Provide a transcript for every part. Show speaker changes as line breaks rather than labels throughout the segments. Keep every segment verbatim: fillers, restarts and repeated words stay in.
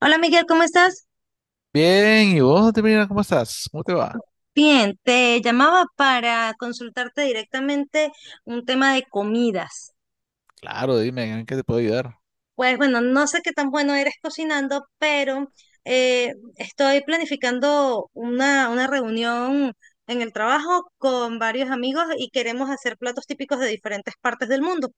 Hola Miguel, ¿cómo estás?
Bien, ¿y vos, Termina, cómo estás? ¿Cómo te va?
Bien, te llamaba para consultarte directamente un tema de comidas.
Claro, dime, ¿en qué te puedo ayudar?
Pues bueno, no sé qué tan bueno eres cocinando, pero eh, estoy planificando una, una reunión en el trabajo con varios amigos y queremos hacer platos típicos de diferentes partes del mundo.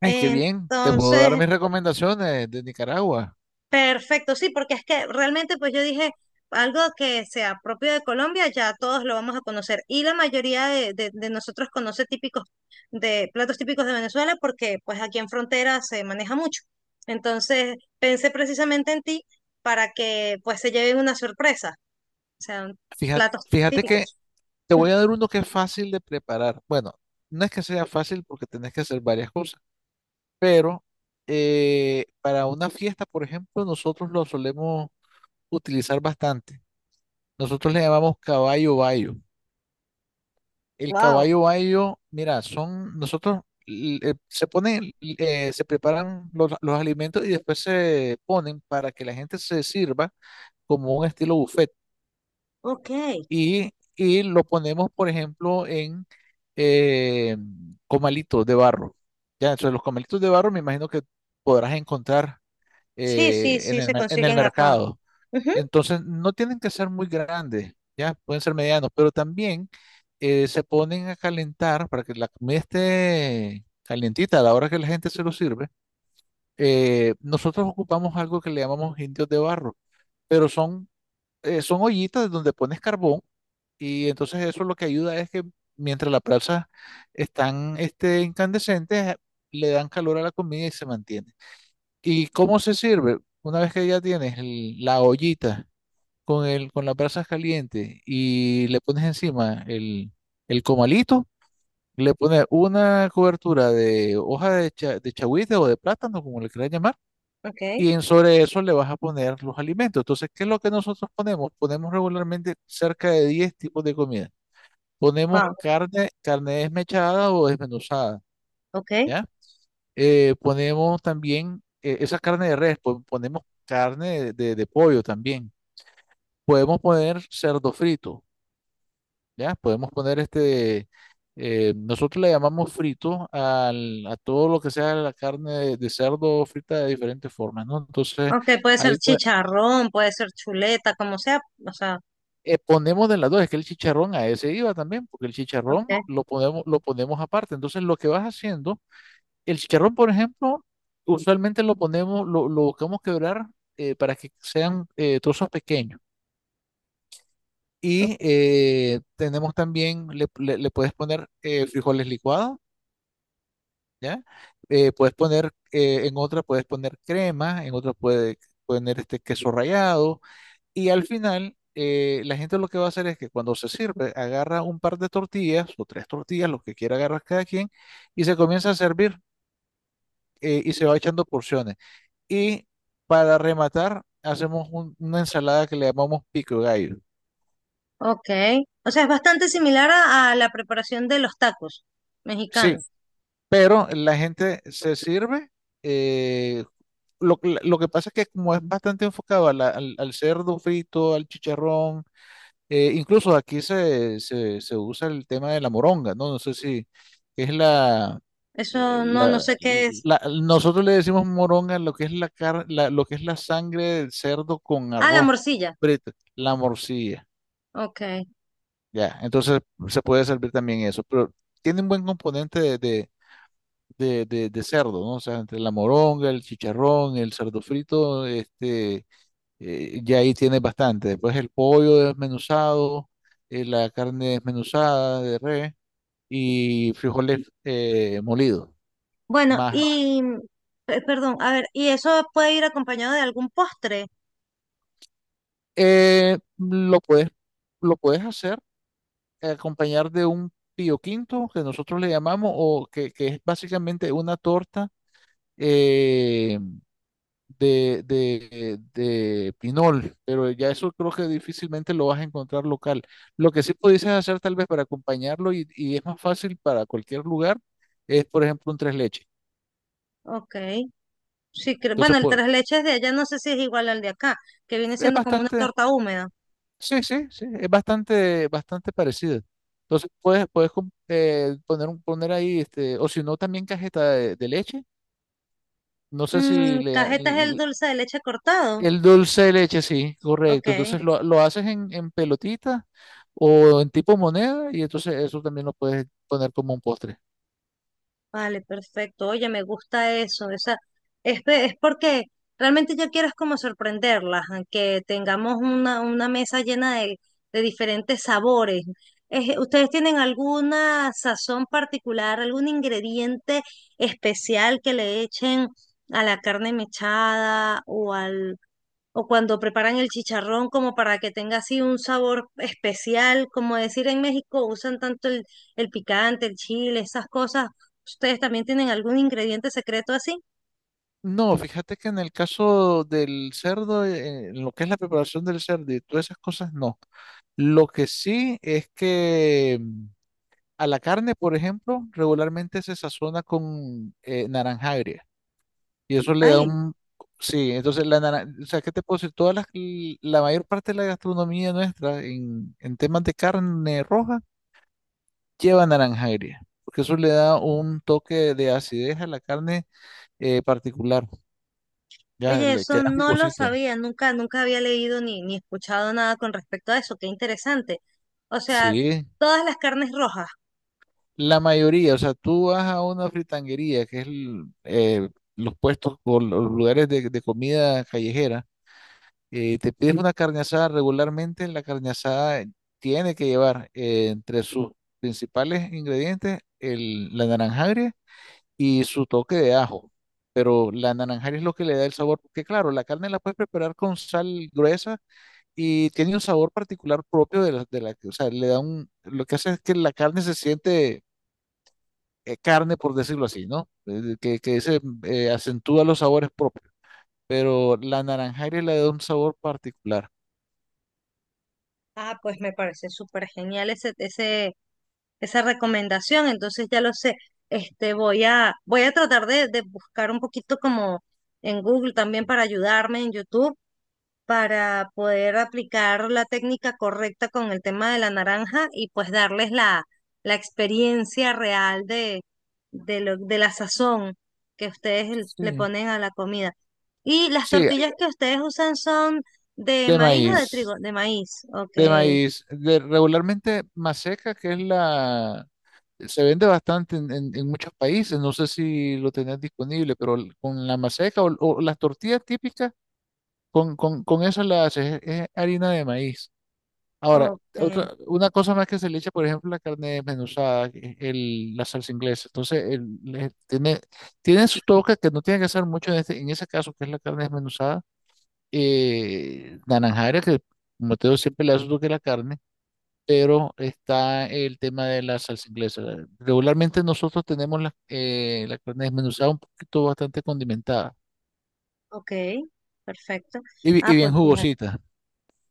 Ay, qué bien, te puedo dar
Entonces,
mis recomendaciones de Nicaragua.
perfecto, sí, porque es que realmente pues yo dije algo que sea propio de Colombia, ya todos lo vamos a conocer y la mayoría de, de- de nosotros conoce típicos de platos típicos de Venezuela porque pues aquí en frontera se maneja mucho. Entonces pensé precisamente en ti para que pues se lleven una sorpresa, o sea,
Fíjate,
platos
fíjate que
típicos.
te voy a dar uno que es fácil de preparar. Bueno, no es que sea fácil porque tenés que hacer varias cosas, pero eh, para una fiesta, por ejemplo, nosotros lo solemos utilizar bastante. Nosotros le llamamos caballo bayo. El
Wow,
caballo bayo, mira, son nosotros, l- eh, se ponen, eh, se preparan los, los alimentos y después se ponen para que la gente se sirva como un estilo buffet.
ok.
Y, y lo ponemos, por ejemplo, en eh, comalitos de barro. Ya, entonces los comalitos de barro me imagino que podrás encontrar
Sí, sí,
eh, en
sí,
el,
se
mer- en el
consiguen acá.
mercado.
Ujú,
Entonces, no tienen que ser muy grandes, ya pueden ser medianos, pero también eh, se ponen a calentar para que la comida esté calientita a la hora que la gente se lo sirve. Eh, nosotros ocupamos algo que le llamamos indios de barro, pero son, eh, son ollitas donde pones carbón y entonces eso lo que ayuda es que mientras las brasas están este, incandescentes, le dan calor a la comida y se mantiene. ¿Y cómo se sirve? Una vez que ya tienes el- la ollita con el, con las brasas calientes y le pones encima el, el comalito, le pones una cobertura de hoja de, cha- de chagüite o de plátano, como le quieras llamar,
ok,
y en sobre eso le vas a poner los alimentos. Entonces, ¿qué es lo que nosotros ponemos? Ponemos regularmente cerca de diez tipos de comida. Ponemos
wow,
carne, carne desmechada o desmenuzada,
ok.
¿ya? Eh, ponemos también eh, esa carne de res, pon- ponemos carne de de- de pollo también. Podemos poner cerdo frito, ¿ya? Podemos poner este, eh, nosotros le llamamos frito al, a todo lo que sea la carne de, de cerdo frita de diferentes formas, ¿no? Entonces,
Ok, puede ser
ahí pues,
chicharrón, puede ser chuleta, como sea, o sea.
eh, ponemos de las dos, es que el chicharrón a ese iba también, porque el chicharrón
Okay.
lo ponemos, lo ponemos aparte. Entonces, lo que vas haciendo, el chicharrón, por ejemplo, usualmente lo ponemos, lo, lo buscamos quebrar, eh, para que sean eh, trozos pequeños. Y
Ok.
eh, tenemos también, le, le- le puedes poner eh, frijoles licuados, ¿ya? Eh, puedes poner, eh, en otra puedes poner crema, en otra puedes poner este queso rallado y al final eh, la gente lo que va a hacer es que cuando se sirve agarra un par de tortillas o tres tortillas, lo que quiera agarrar cada quien y se comienza a servir, eh, y se va echando porciones. Y para rematar hacemos un- una ensalada que le llamamos pico de gallo.
Ok. O sea, es bastante similar a a la preparación de los tacos
Sí,
mexicanos.
pero la gente se sirve. eh, lo, lo que pasa es que como es bastante enfocado a la- al, al cerdo frito, al chicharrón, eh, incluso aquí se, se, se usa el tema de la moronga, ¿no? No sé si es la, eh,
Eso no, no
la,
sé qué es.
la- nosotros le decimos moronga a lo que es la car- la- lo que es la sangre del cerdo con
Ah, la
arroz
morcilla.
frito, la morcilla,
Ok.
ya. Entonces se puede servir también eso, pero tiene un buen componente de, de- de, de- de cerdo, ¿no? O sea, entre la moronga, el chicharrón, el cerdo frito, este, eh, ya ahí tienes bastante. Después el pollo desmenuzado, eh, la carne desmenuzada de res y frijoles eh, molidos.
Bueno,
Más,
y, pe- perdón, a ver, ¿y eso puede ir acompañado de algún postre?
eh, lo puedes, lo puedes hacer, eh, acompañar de un pío quinto que nosotros le llamamos o que, que es básicamente una torta, eh, de, de, de pinol, pero ya eso creo que difícilmente lo vas a encontrar local. Lo que sí pudieses hacer tal vez para acompañarlo, y, y es más fácil para cualquier lugar es, por ejemplo, un tres leches.
Ok. Sí, cre- bueno,
Entonces,
el
pues,
tres leches de allá no sé si es igual al de acá, que viene
es
siendo como una
bastante,
torta húmeda.
sí, sí, sí, es bastante, bastante parecido. Entonces, puedes, puedes com- eh, poner, un, poner ahí, este, o si no, también cajeta de, de leche. No sé si
Mm,
le.
cajeta es el dulce de leche cortado.
El dulce de leche, sí,
Ok.
correcto. Entonces lo, lo haces en, en pelotita o en tipo moneda y entonces eso también lo puedes poner como un postre.
Vale, perfecto. Oye, me gusta eso. O sea, es, pe- es porque realmente yo quiero es como sorprenderlas, a que tengamos una, una mesa llena de, de diferentes sabores. Es- ¿ustedes tienen alguna sazón particular, algún ingrediente especial que le echen a la carne mechada o al o cuando preparan el chicharrón como para que tenga así un sabor especial, como decir en México usan tanto el, el picante, el chile, esas cosas. ¿Ustedes también tienen algún ingrediente secreto así?
No, fíjate que en el caso del cerdo, eh, en lo que es la preparación del cerdo y todas esas cosas, no. Lo que sí es que, mm, a la carne, por ejemplo, regularmente se sazona con, eh, naranja agria. Y eso le da
Ay,
un. Sí, entonces la naranja, o sea, ¿qué te puedo decir? Todas las, la mayor parte de la gastronomía nuestra en, en temas de carne roja lleva naranja agria, porque eso le da un toque de acidez a la carne, eh, particular, ya
oye,
le
eso
queda
no lo
jugosita.
sabía, nunca, nunca había leído ni, ni escuchado nada con respecto a eso, qué interesante. O sea,
Sí,
todas las carnes rojas.
la mayoría, o sea, tú vas a una fritanguería, que es el, eh, los puestos o los lugares de, de comida callejera, eh, te pides una carne asada regularmente, la carne asada tiene que llevar, eh, entre sus principales ingredientes el, la naranja agria y su toque de ajo. Pero la naranja agria es lo que le da el sabor, porque claro, la carne la puedes preparar con sal gruesa y tiene un sabor particular propio de la, de la, o sea, le da un, lo que hace es que la carne se siente, eh, carne, por decirlo así, ¿no? Eh, Que, que se eh, acentúa los sabores propios, pero la naranja agria le da un sabor particular.
Ah, pues me parece súper genial ese, ese, esa recomendación, entonces ya lo sé. Este, voy a, voy a tratar de, de buscar un poquito como en Google también para ayudarme en YouTube, para poder aplicar la técnica correcta con el tema de la naranja y pues darles la, la experiencia real de, de lo, de la sazón que ustedes l- le
Sí.
ponen a la comida. Y las
Sí,
tortillas que ustedes usan son de
de
maíz o de trigo,
maíz,
de maíz. Ok,
de maíz, de regularmente maseca, que es la, se vende bastante en, en- en muchos países, no sé si lo tenés disponible, pero l- con la maseca o, o las tortillas típicas, con, con, con eso la haces, es harina de maíz. Ahora,
ok.
otra, una cosa más que se le echa, por ejemplo, la carne desmenuzada, que es el, la salsa inglesa. Entonces, el- le- tiene, tiene su toque que no tiene que hacer mucho en, este, en ese caso, que es la carne desmenuzada, eh, la naranjara, que como te digo, siempre le asocio que la carne, pero está el tema de la salsa inglesa. Regularmente nosotros tenemos la, eh, la carne desmenuzada un poquito bastante condimentada
Ok, perfecto.
y, bi-
Ah,
y bien
pues fíjate,
jugosita.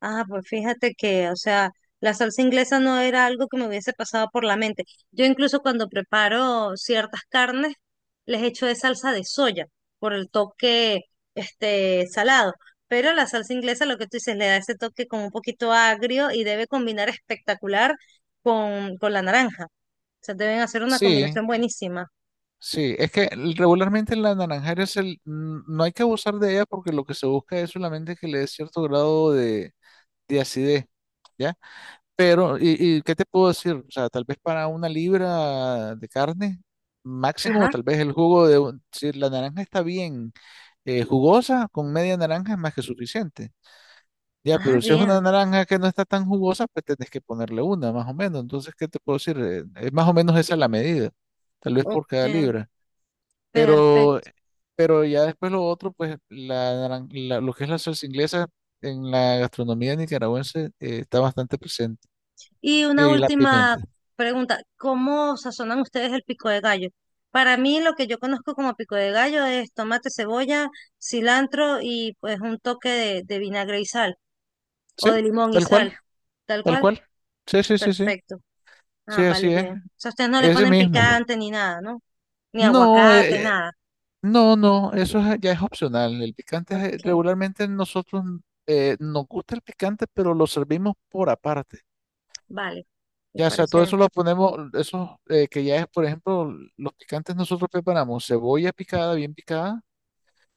ah, pues fíjate que, o sea, la salsa inglesa no era algo que me hubiese pasado por la mente. Yo incluso cuando preparo ciertas carnes, les echo de salsa de soya por el toque, este, salado. Pero la salsa inglesa, lo que tú dices, le da ese toque como un poquito agrio y debe combinar espectacular con, con la naranja. O sea, deben hacer una
Sí,
combinación buenísima.
sí, es que regularmente la naranjera es el, n- no hay que abusar de ella porque lo que se busca es solamente que le dé cierto grado de, de acidez, ¿ya? Pero, y, y qué te puedo decir? O sea, tal vez para una libra de carne máximo,
Ajá.
tal vez el jugo de, un- si la naranja está bien, eh, jugosa, con media naranja es más que suficiente. Ya,
Ah,
pero si es una
bien.
naranja que no está tan jugosa, pues tenés que ponerle una, más o menos. Entonces, ¿qué te puedo decir? Eh, Es más o menos esa la medida, tal vez por cada
Ok,
libra. Pero,
perfecto.
pero ya después lo otro, pues la, naran- la- lo que es la salsa inglesa en la gastronomía nicaragüense, eh, está bastante presente.
Y una
Y la
última
pimienta.
pregunta, ¿cómo sazonan ustedes el pico de gallo? Para mí lo que yo conozco como pico de gallo es tomate, cebolla, cilantro y pues un toque de, de vinagre y sal o
Sí,
de limón y
tal cual,
sal. Tal
tal
cual,
cual. Sí, sí, sí, sí.
perfecto.
Sí,
Ah, vale,
así es.
bien. O sea, ustedes no le
Ese
ponen
mismo.
picante ni nada, ¿no? Ni
No,
aguacate,
eh,
nada.
no, no, eso es- ya es opcional. El picante es- eh,
Ok,
regularmente nosotros, eh, nos gusta el picante, pero lo servimos por aparte.
vale. Me
Ya, o sea,
parece.
todo eso lo ponemos, eso, eh, que ya es, por ejemplo, los picantes nosotros preparamos cebolla picada, bien picada,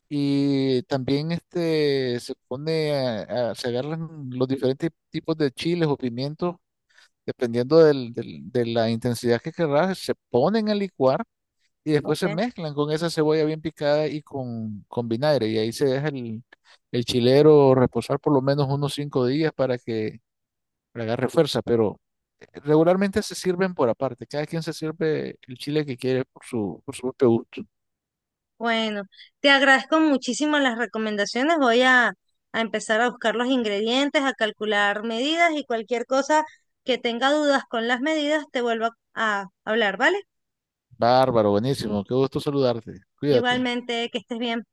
y también este se pone, a- a- se agarran los diferentes tipos de chiles o pimientos dependiendo del- del- de la intensidad que querrás, se ponen a licuar y después se
Ok.
mezclan con esa cebolla bien picada y con, con vinagre. Y ahí se deja el, el chilero reposar por lo menos unos cinco días para que agarre fuerza. Pero regularmente se sirven por aparte. Cada quien se sirve el chile que quiere por su, por su propio gusto.
Bueno, te agradezco muchísimo las recomendaciones. Voy a, a empezar a buscar los ingredientes, a calcular medidas y cualquier cosa que tenga dudas con las medidas, te vuelvo a a hablar, ¿vale?
Bárbaro, buenísimo. Qué gusto saludarte. Cuídate.
Igualmente, que estés bien.